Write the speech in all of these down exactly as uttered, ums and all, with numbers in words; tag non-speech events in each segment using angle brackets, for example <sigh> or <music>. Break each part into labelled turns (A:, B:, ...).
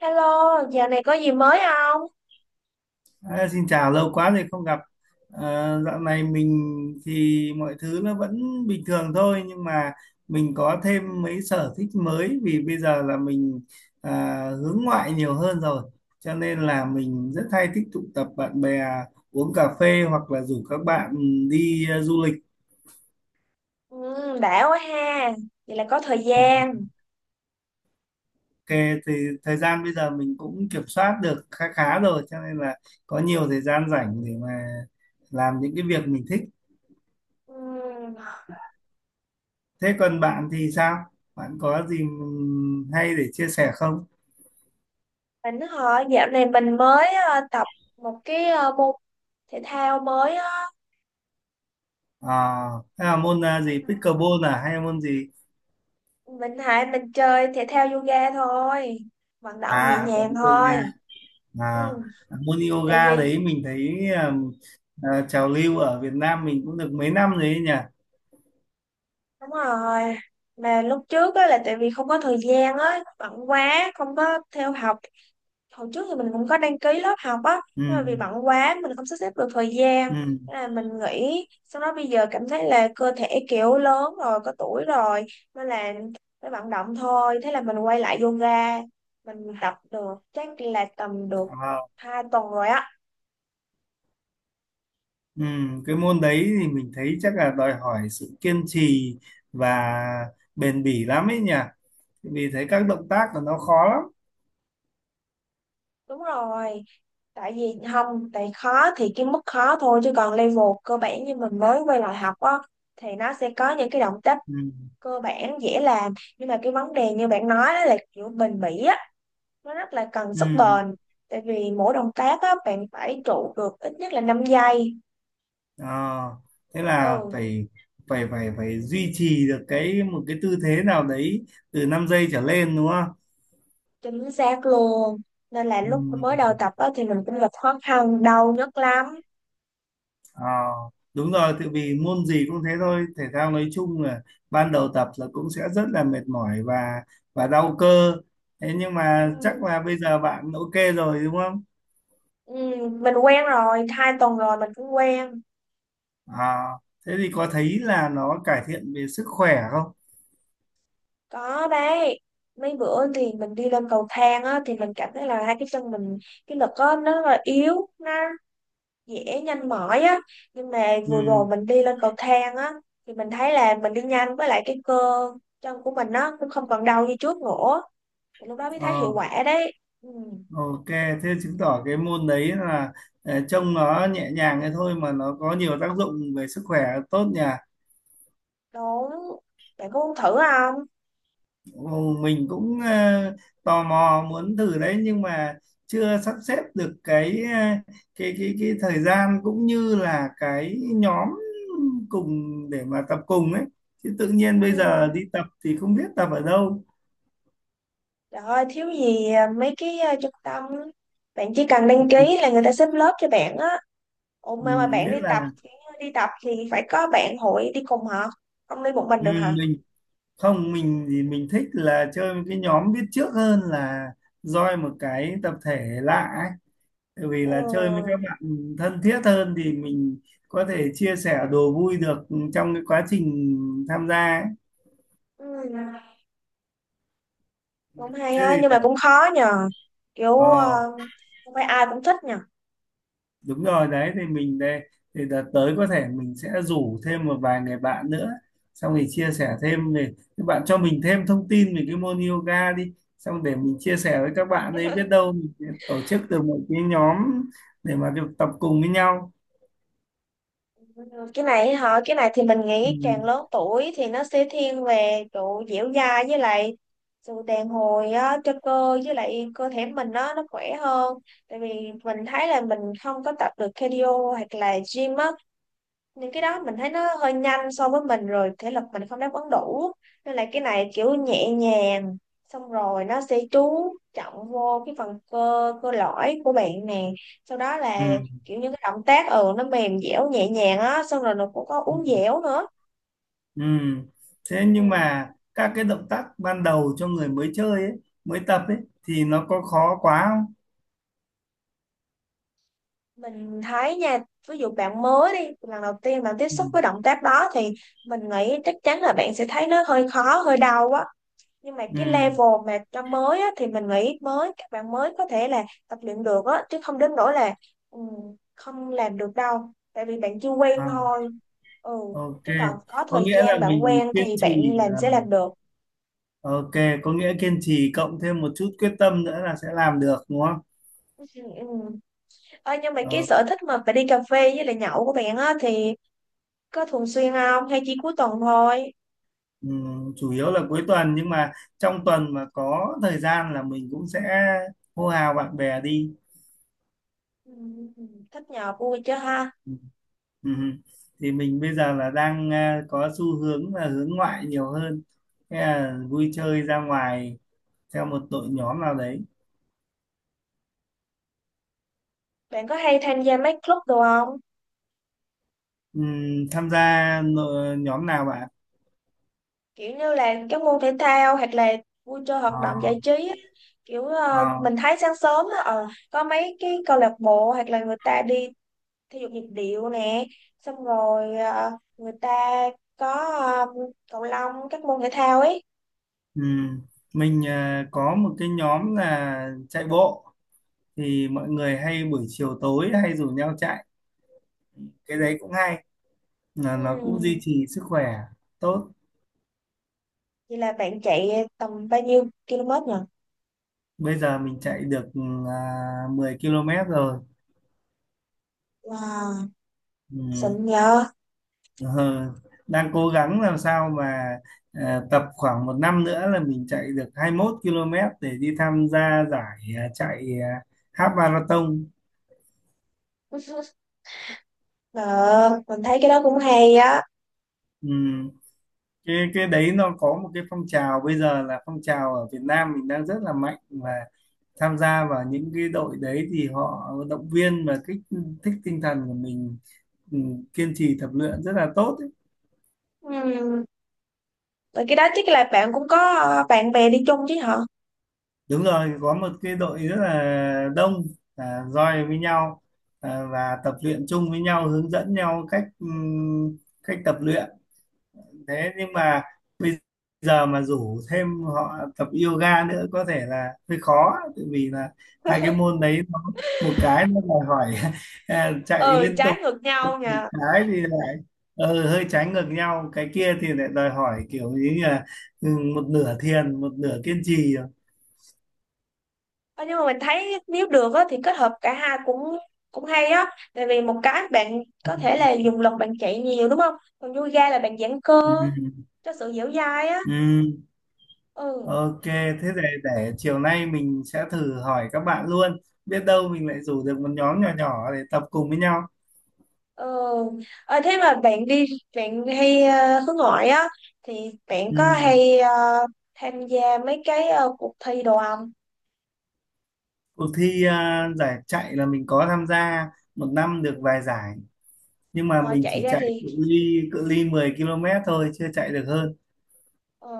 A: Hello, giờ này có gì mới không?
B: À, xin chào, lâu quá rồi không gặp. À, dạo này mình thì mọi thứ nó vẫn bình thường thôi, nhưng mà mình có thêm mấy sở thích mới vì bây giờ là mình à, hướng ngoại nhiều hơn rồi. Cho nên là mình rất hay thích tụ tập bạn bè uống cà phê hoặc là rủ các bạn đi à, du lịch.
A: Ừ, đã quá ha, vậy là có thời gian.
B: Ok, thì thời gian bây giờ mình cũng kiểm soát được khá khá rồi, cho nên là có nhiều thời gian rảnh để mà làm những cái việc mình thích.
A: Ừ,
B: Thế còn bạn thì sao? Bạn có gì hay để chia sẻ không?
A: mình hỏi dạo này mình mới ờ, tập một cái ờ, môn thể thao mới á.
B: À, thế là môn à, gì? Pickleball à? Hay là môn gì?
A: Mình hại mình chơi thể thao yoga thôi, vận động nhẹ
B: À, tập
A: nhàng
B: yoga.
A: thôi. Ừ,
B: À, môn
A: tại
B: yoga
A: vì
B: đấy mình thấy à, à, trào lưu ở Việt Nam mình cũng được mấy năm rồi ấy nhỉ?
A: đúng rồi, mà lúc trước á là tại vì không có thời gian á, bận quá, không có theo học. Hồi trước thì mình cũng có đăng ký lớp học á,
B: Ừ,
A: nhưng mà vì bận quá mình không sắp xếp được thời gian.
B: ừ,
A: Thế là mình nghỉ, xong đó bây giờ cảm thấy là cơ thể kiểu lớn rồi, có tuổi rồi nên là phải vận động thôi. Thế là mình quay lại yoga, mình tập được chắc là tầm được
B: à,
A: hai tuần rồi á.
B: ừ. Cái môn đấy thì mình thấy chắc là đòi hỏi sự kiên trì và bền bỉ lắm ấy nhỉ? Vì thấy các động tác của nó khó lắm.
A: Đúng rồi, tại vì không, tại khó thì cái mức khó thôi, chứ còn level cơ bản như mình mới quay lại học á thì nó sẽ có những cái động tác
B: Ừ,
A: cơ bản dễ làm. Nhưng mà cái vấn đề như bạn nói đó là kiểu bền bỉ á, nó rất là cần
B: ừ.
A: sức bền. Tại vì mỗi động tác á bạn phải trụ được ít nhất là năm giây.
B: Ờ, thế là
A: Ừ,
B: phải phải phải phải duy trì được cái một cái tư thế nào đấy từ năm giây trở lên đúng không?
A: chính xác luôn. Nên là lúc
B: Ừm,
A: mới đầu tập á thì mình cũng gặp khó khăn, đau nhất lắm.
B: ờ, đúng rồi, tại vì môn gì cũng thế thôi, thể thao nói chung là ban đầu tập là cũng sẽ rất là mệt mỏi và và đau cơ. Thế nhưng mà chắc
A: Ừ,
B: là bây giờ bạn ok rồi đúng không?
A: ừ, mình quen rồi, hai tuần rồi mình cũng quen.
B: À, thế thì có thấy là nó cải thiện về sức khỏe không?
A: Có đấy, mấy bữa thì mình đi lên cầu thang á thì mình cảm thấy là hai cái chân mình, cái lực á nó rất là yếu, nó dễ nhanh mỏi á. Nhưng mà vừa rồi
B: Ừm,
A: mình đi lên cầu thang á thì mình thấy là mình đi nhanh, với lại cái cơ chân của mình nó cũng không còn đau như trước nữa, thì lúc đó mới thấy
B: ờ.
A: hiệu quả đấy. Ừ,
B: Ok, thế chứng tỏ cái môn đấy là ờ, trông nó nhẹ nhàng thế thôi mà nó có nhiều tác dụng về sức khỏe tốt nhỉ.
A: đúng. Bạn có muốn thử không?
B: Ồ, mình cũng ờ, tò mò muốn thử đấy, nhưng mà chưa sắp xếp được cái ờ, cái cái cái thời gian cũng như là cái nhóm cùng để mà tập cùng ấy. Chứ tự nhiên bây giờ
A: Ừ.
B: đi tập thì không biết tập ở đâu.
A: Trời ơi, thiếu gì mấy cái ờ, trung tâm, bạn chỉ cần đăng ký là người ta xếp lớp cho bạn á. Ủa mà, mà
B: Ừ,
A: bạn
B: biết
A: đi
B: là
A: tập đi tập thì phải có bạn hội đi cùng hả? Không đi một mình
B: ừ,
A: được hả?
B: mình không, mình thì mình thích là chơi với cái nhóm biết trước hơn là join một cái tập thể lạ ấy. Tại vì là chơi với các
A: Ừ.
B: bạn thân thiết hơn thì mình có thể chia sẻ đồ vui được trong cái quá trình tham gia ấy.
A: Ừ. Cũng hay
B: Thế
A: á,
B: thì
A: nhưng
B: để
A: mà cũng khó nhờ. Kiểu
B: ờ
A: ờ, không phải ai cũng thích nhờ.
B: đúng rồi đấy, thì mình đây thì đợt tới có thể mình sẽ rủ thêm một vài người bạn nữa, xong thì chia sẻ thêm về các bạn cho mình thêm thông tin về cái môn yoga đi, xong để mình chia sẻ với các bạn ấy biết đâu mình sẽ tổ chức được một cái nhóm để mà được tập cùng với nhau.
A: Cái này hả? Cái này thì mình nghĩ càng
B: Ừ.
A: lớn tuổi thì nó sẽ thiên về kiểu dẻo dai với lại sự đàn hồi á cho cơ, với lại cơ thể mình nó nó khỏe hơn. Tại vì mình thấy là mình không có tập được cardio hoặc là gym á, những cái đó mình thấy nó hơi nhanh so với mình, rồi thể lực mình không đáp ứng đủ. Nên là cái này kiểu nhẹ nhàng, xong rồi nó sẽ chú trọng vô cái phần cơ cơ lõi của bạn nè. Sau đó
B: Ừ.
A: là kiểu như cái động tác, ừ, nó mềm dẻo nhẹ nhàng á, xong rồi nó cũng có
B: Ừ.
A: uốn dẻo nữa.
B: Ừ. Thế
A: Ừ.
B: nhưng mà các cái động tác ban đầu cho người mới chơi ấy, mới tập ấy, thì nó có khó quá không?
A: Mình thấy nha, ví dụ bạn mới đi lần đầu tiên bạn tiếp
B: Ừ.
A: xúc với động tác đó thì mình nghĩ chắc chắn là bạn sẽ thấy nó hơi khó, hơi đau quá. Nhưng mà
B: Ừ.
A: cái level mà cho mới á, thì mình nghĩ mới các bạn mới có thể là tập luyện được á, chứ không đến nỗi là, ừ, không làm được đâu. Tại vì bạn chưa quen
B: À,
A: thôi. Ừ,
B: ok,
A: chứ còn có
B: có
A: thời
B: nghĩa là
A: gian bạn
B: mình
A: quen
B: kiên
A: thì bạn
B: trì
A: làm
B: à,
A: sẽ làm được.
B: ok, có nghĩa kiên trì cộng thêm một chút quyết tâm nữa là sẽ làm được đúng không?
A: Ừ. Ừ. Ơ, nhưng mà cái
B: Ờ,
A: sở thích mà phải đi cà phê với lại nhậu của bạn á thì có thường xuyên không hay chỉ cuối tuần thôi?
B: ừm, chủ yếu là cuối tuần nhưng mà trong tuần mà có thời gian là mình cũng sẽ hô hào bạn bè đi.
A: Ừ. Thích nhậu vui chứ ha?
B: Ừ, ừ. Thì mình bây giờ là đang à, có xu hướng là hướng ngoại nhiều hơn, thế là vui chơi ra ngoài theo một đội nhóm nào đấy.
A: Bạn có hay tham gia mấy club đồ không?
B: Ừm, tham gia nội- nhóm nào bạn?
A: Kiểu như là các môn thể thao hoặc là vui chơi
B: Ờ,
A: hoạt động giải trí á. Kiểu ờ,
B: ờ,
A: mình thấy sáng sớm á, ờ, có mấy cái câu lạc bộ hoặc là người ta đi thể dục nhịp điệu nè. Xong rồi ờ, người ta có ờ, cầu lông, các môn thể thao ấy.
B: ừm. Mình à, có một cái nhóm là chạy bộ. Thì mọi người hay buổi chiều tối hay rủ nhau chạy, cái đấy cũng hay là nó cũng duy
A: Ừm,
B: trì sức khỏe tốt.
A: vậy là bạn chạy tầm bao nhiêu km nhỉ?
B: Bây giờ mình chạy được à, mười ki lô mét rồi.
A: Wow,
B: Ừ.
A: xịn nhờ.
B: Ờ, đang cố gắng làm sao mà à, tập khoảng một năm nữa là mình chạy được hai mươi mốt ki lô mét để đi tham gia giải à, chạy à, half marathon.
A: <laughs> ờ, mình thấy cái đó cũng hay á.
B: Ừ. Cái cái đấy nó có một cái phong trào bây giờ, là phong trào ở Việt Nam mình đang rất là mạnh, và tham gia vào những cái đội đấy thì họ động viên và kích thích tinh thần của mình, ừ, kiên trì tập luyện rất là tốt ấy.
A: Ừm. Rồi cái đó chắc là bạn cũng có ờ, bạn bè đi chung chứ hả?
B: Đúng rồi, có một cái đội rất là đông à, roi với nhau à, và tập luyện chung với nhau, hướng dẫn nhau cách ừ, cách tập luyện. Thế nhưng mà bây giờ mà rủ thêm họ tập yoga nữa có thể là hơi khó, tại vì là hai cái môn đấy nó, một cái nó đòi hỏi <laughs> à, chạy
A: Ừ,
B: liên
A: trái
B: tục,
A: ngược
B: một
A: nhau nhỉ.
B: cái thì lại ờ, hơi trái ngược nhau, cái kia thì lại đòi hỏi kiểu như là ừ, một nửa thiền một nửa kiên trì.
A: Ờ, nhưng mà mình thấy nếu được á, thì kết hợp cả hai cũng cũng hay á. Tại vì một cái bạn có thể là dùng lực, bạn chạy nhiều đúng không, còn yoga là bạn giãn cơ
B: Ừ,
A: cho sự dẻo dai á.
B: ừ,
A: Ừ.
B: ok, thế để để chiều nay mình sẽ thử hỏi các bạn luôn, biết đâu mình lại rủ được một nhóm nhỏ nhỏ để tập cùng với nhau.
A: Ừ. Ờ, thế mà bạn đi bạn hay ờ, hướng ngoại á, thì bạn có
B: Ừ.
A: hay ờ, tham gia mấy cái ờ, cuộc thi đồ không?
B: Cuộc thi à, giải chạy là mình có tham gia, một năm được vài giải, nhưng mà
A: Ngoài
B: mình
A: chạy
B: chỉ
A: ra
B: chạy
A: thì
B: cự ly cự ly mười ki lô mét thôi, chưa chạy được hơn.
A: ờ,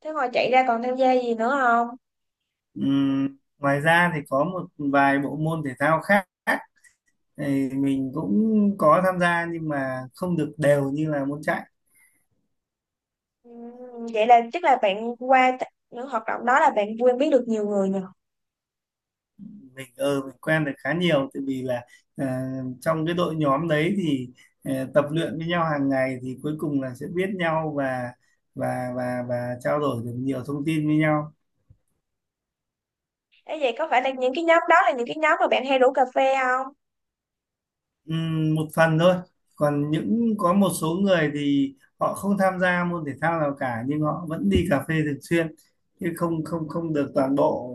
A: Thế ngoài chạy ra còn tham gia gì nữa không?
B: Ừm, ngoài ra thì có một vài bộ môn thể thao khác thì mình cũng có tham gia nhưng mà không được đều như là môn chạy.
A: Ừ, vậy là chắc là bạn qua t- những hoạt động đó là bạn quen biết được nhiều người nhỉ?
B: Mình ờ mình quen được khá nhiều tại vì là à, trong cái đội nhóm đấy thì à, tập luyện với nhau hàng ngày thì cuối cùng là sẽ biết nhau và và và và trao đổi được nhiều thông tin với nhau.
A: Ê, vậy có phải là những cái nhóm đó là những cái nhóm mà bạn hay rủ cà phê không?
B: Ừm, một phần thôi, còn những có một số người thì họ không tham gia môn thể thao nào cả nhưng họ vẫn đi cà phê thường xuyên, chứ không không không được toàn bộ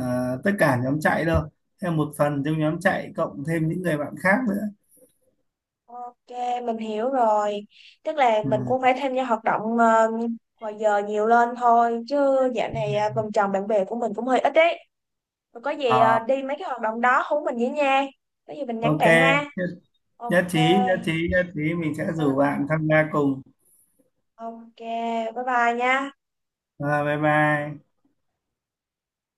B: à, tất cả nhóm chạy đâu, theo một phần trong nhóm chạy cộng thêm những người bạn khác nữa.
A: Ok, mình hiểu rồi. Tức là mình
B: Ừm,
A: cũng phải tham gia hoạt động ờ, ngoài giờ nhiều lên thôi. Chứ dạo này ờ, vòng tròn bạn bè của mình cũng hơi ít đấy. Rồi có gì ờ,
B: à,
A: đi mấy cái hoạt động đó hú mình với nha. Có gì mình nhắn
B: ok,
A: bạn ha.
B: nhất,
A: Ok.
B: nhất trí nhất trí nhất trí mình sẽ rủ
A: <laughs>
B: bạn tham gia cùng.
A: Ok, bye bye nha.
B: À, bye bye.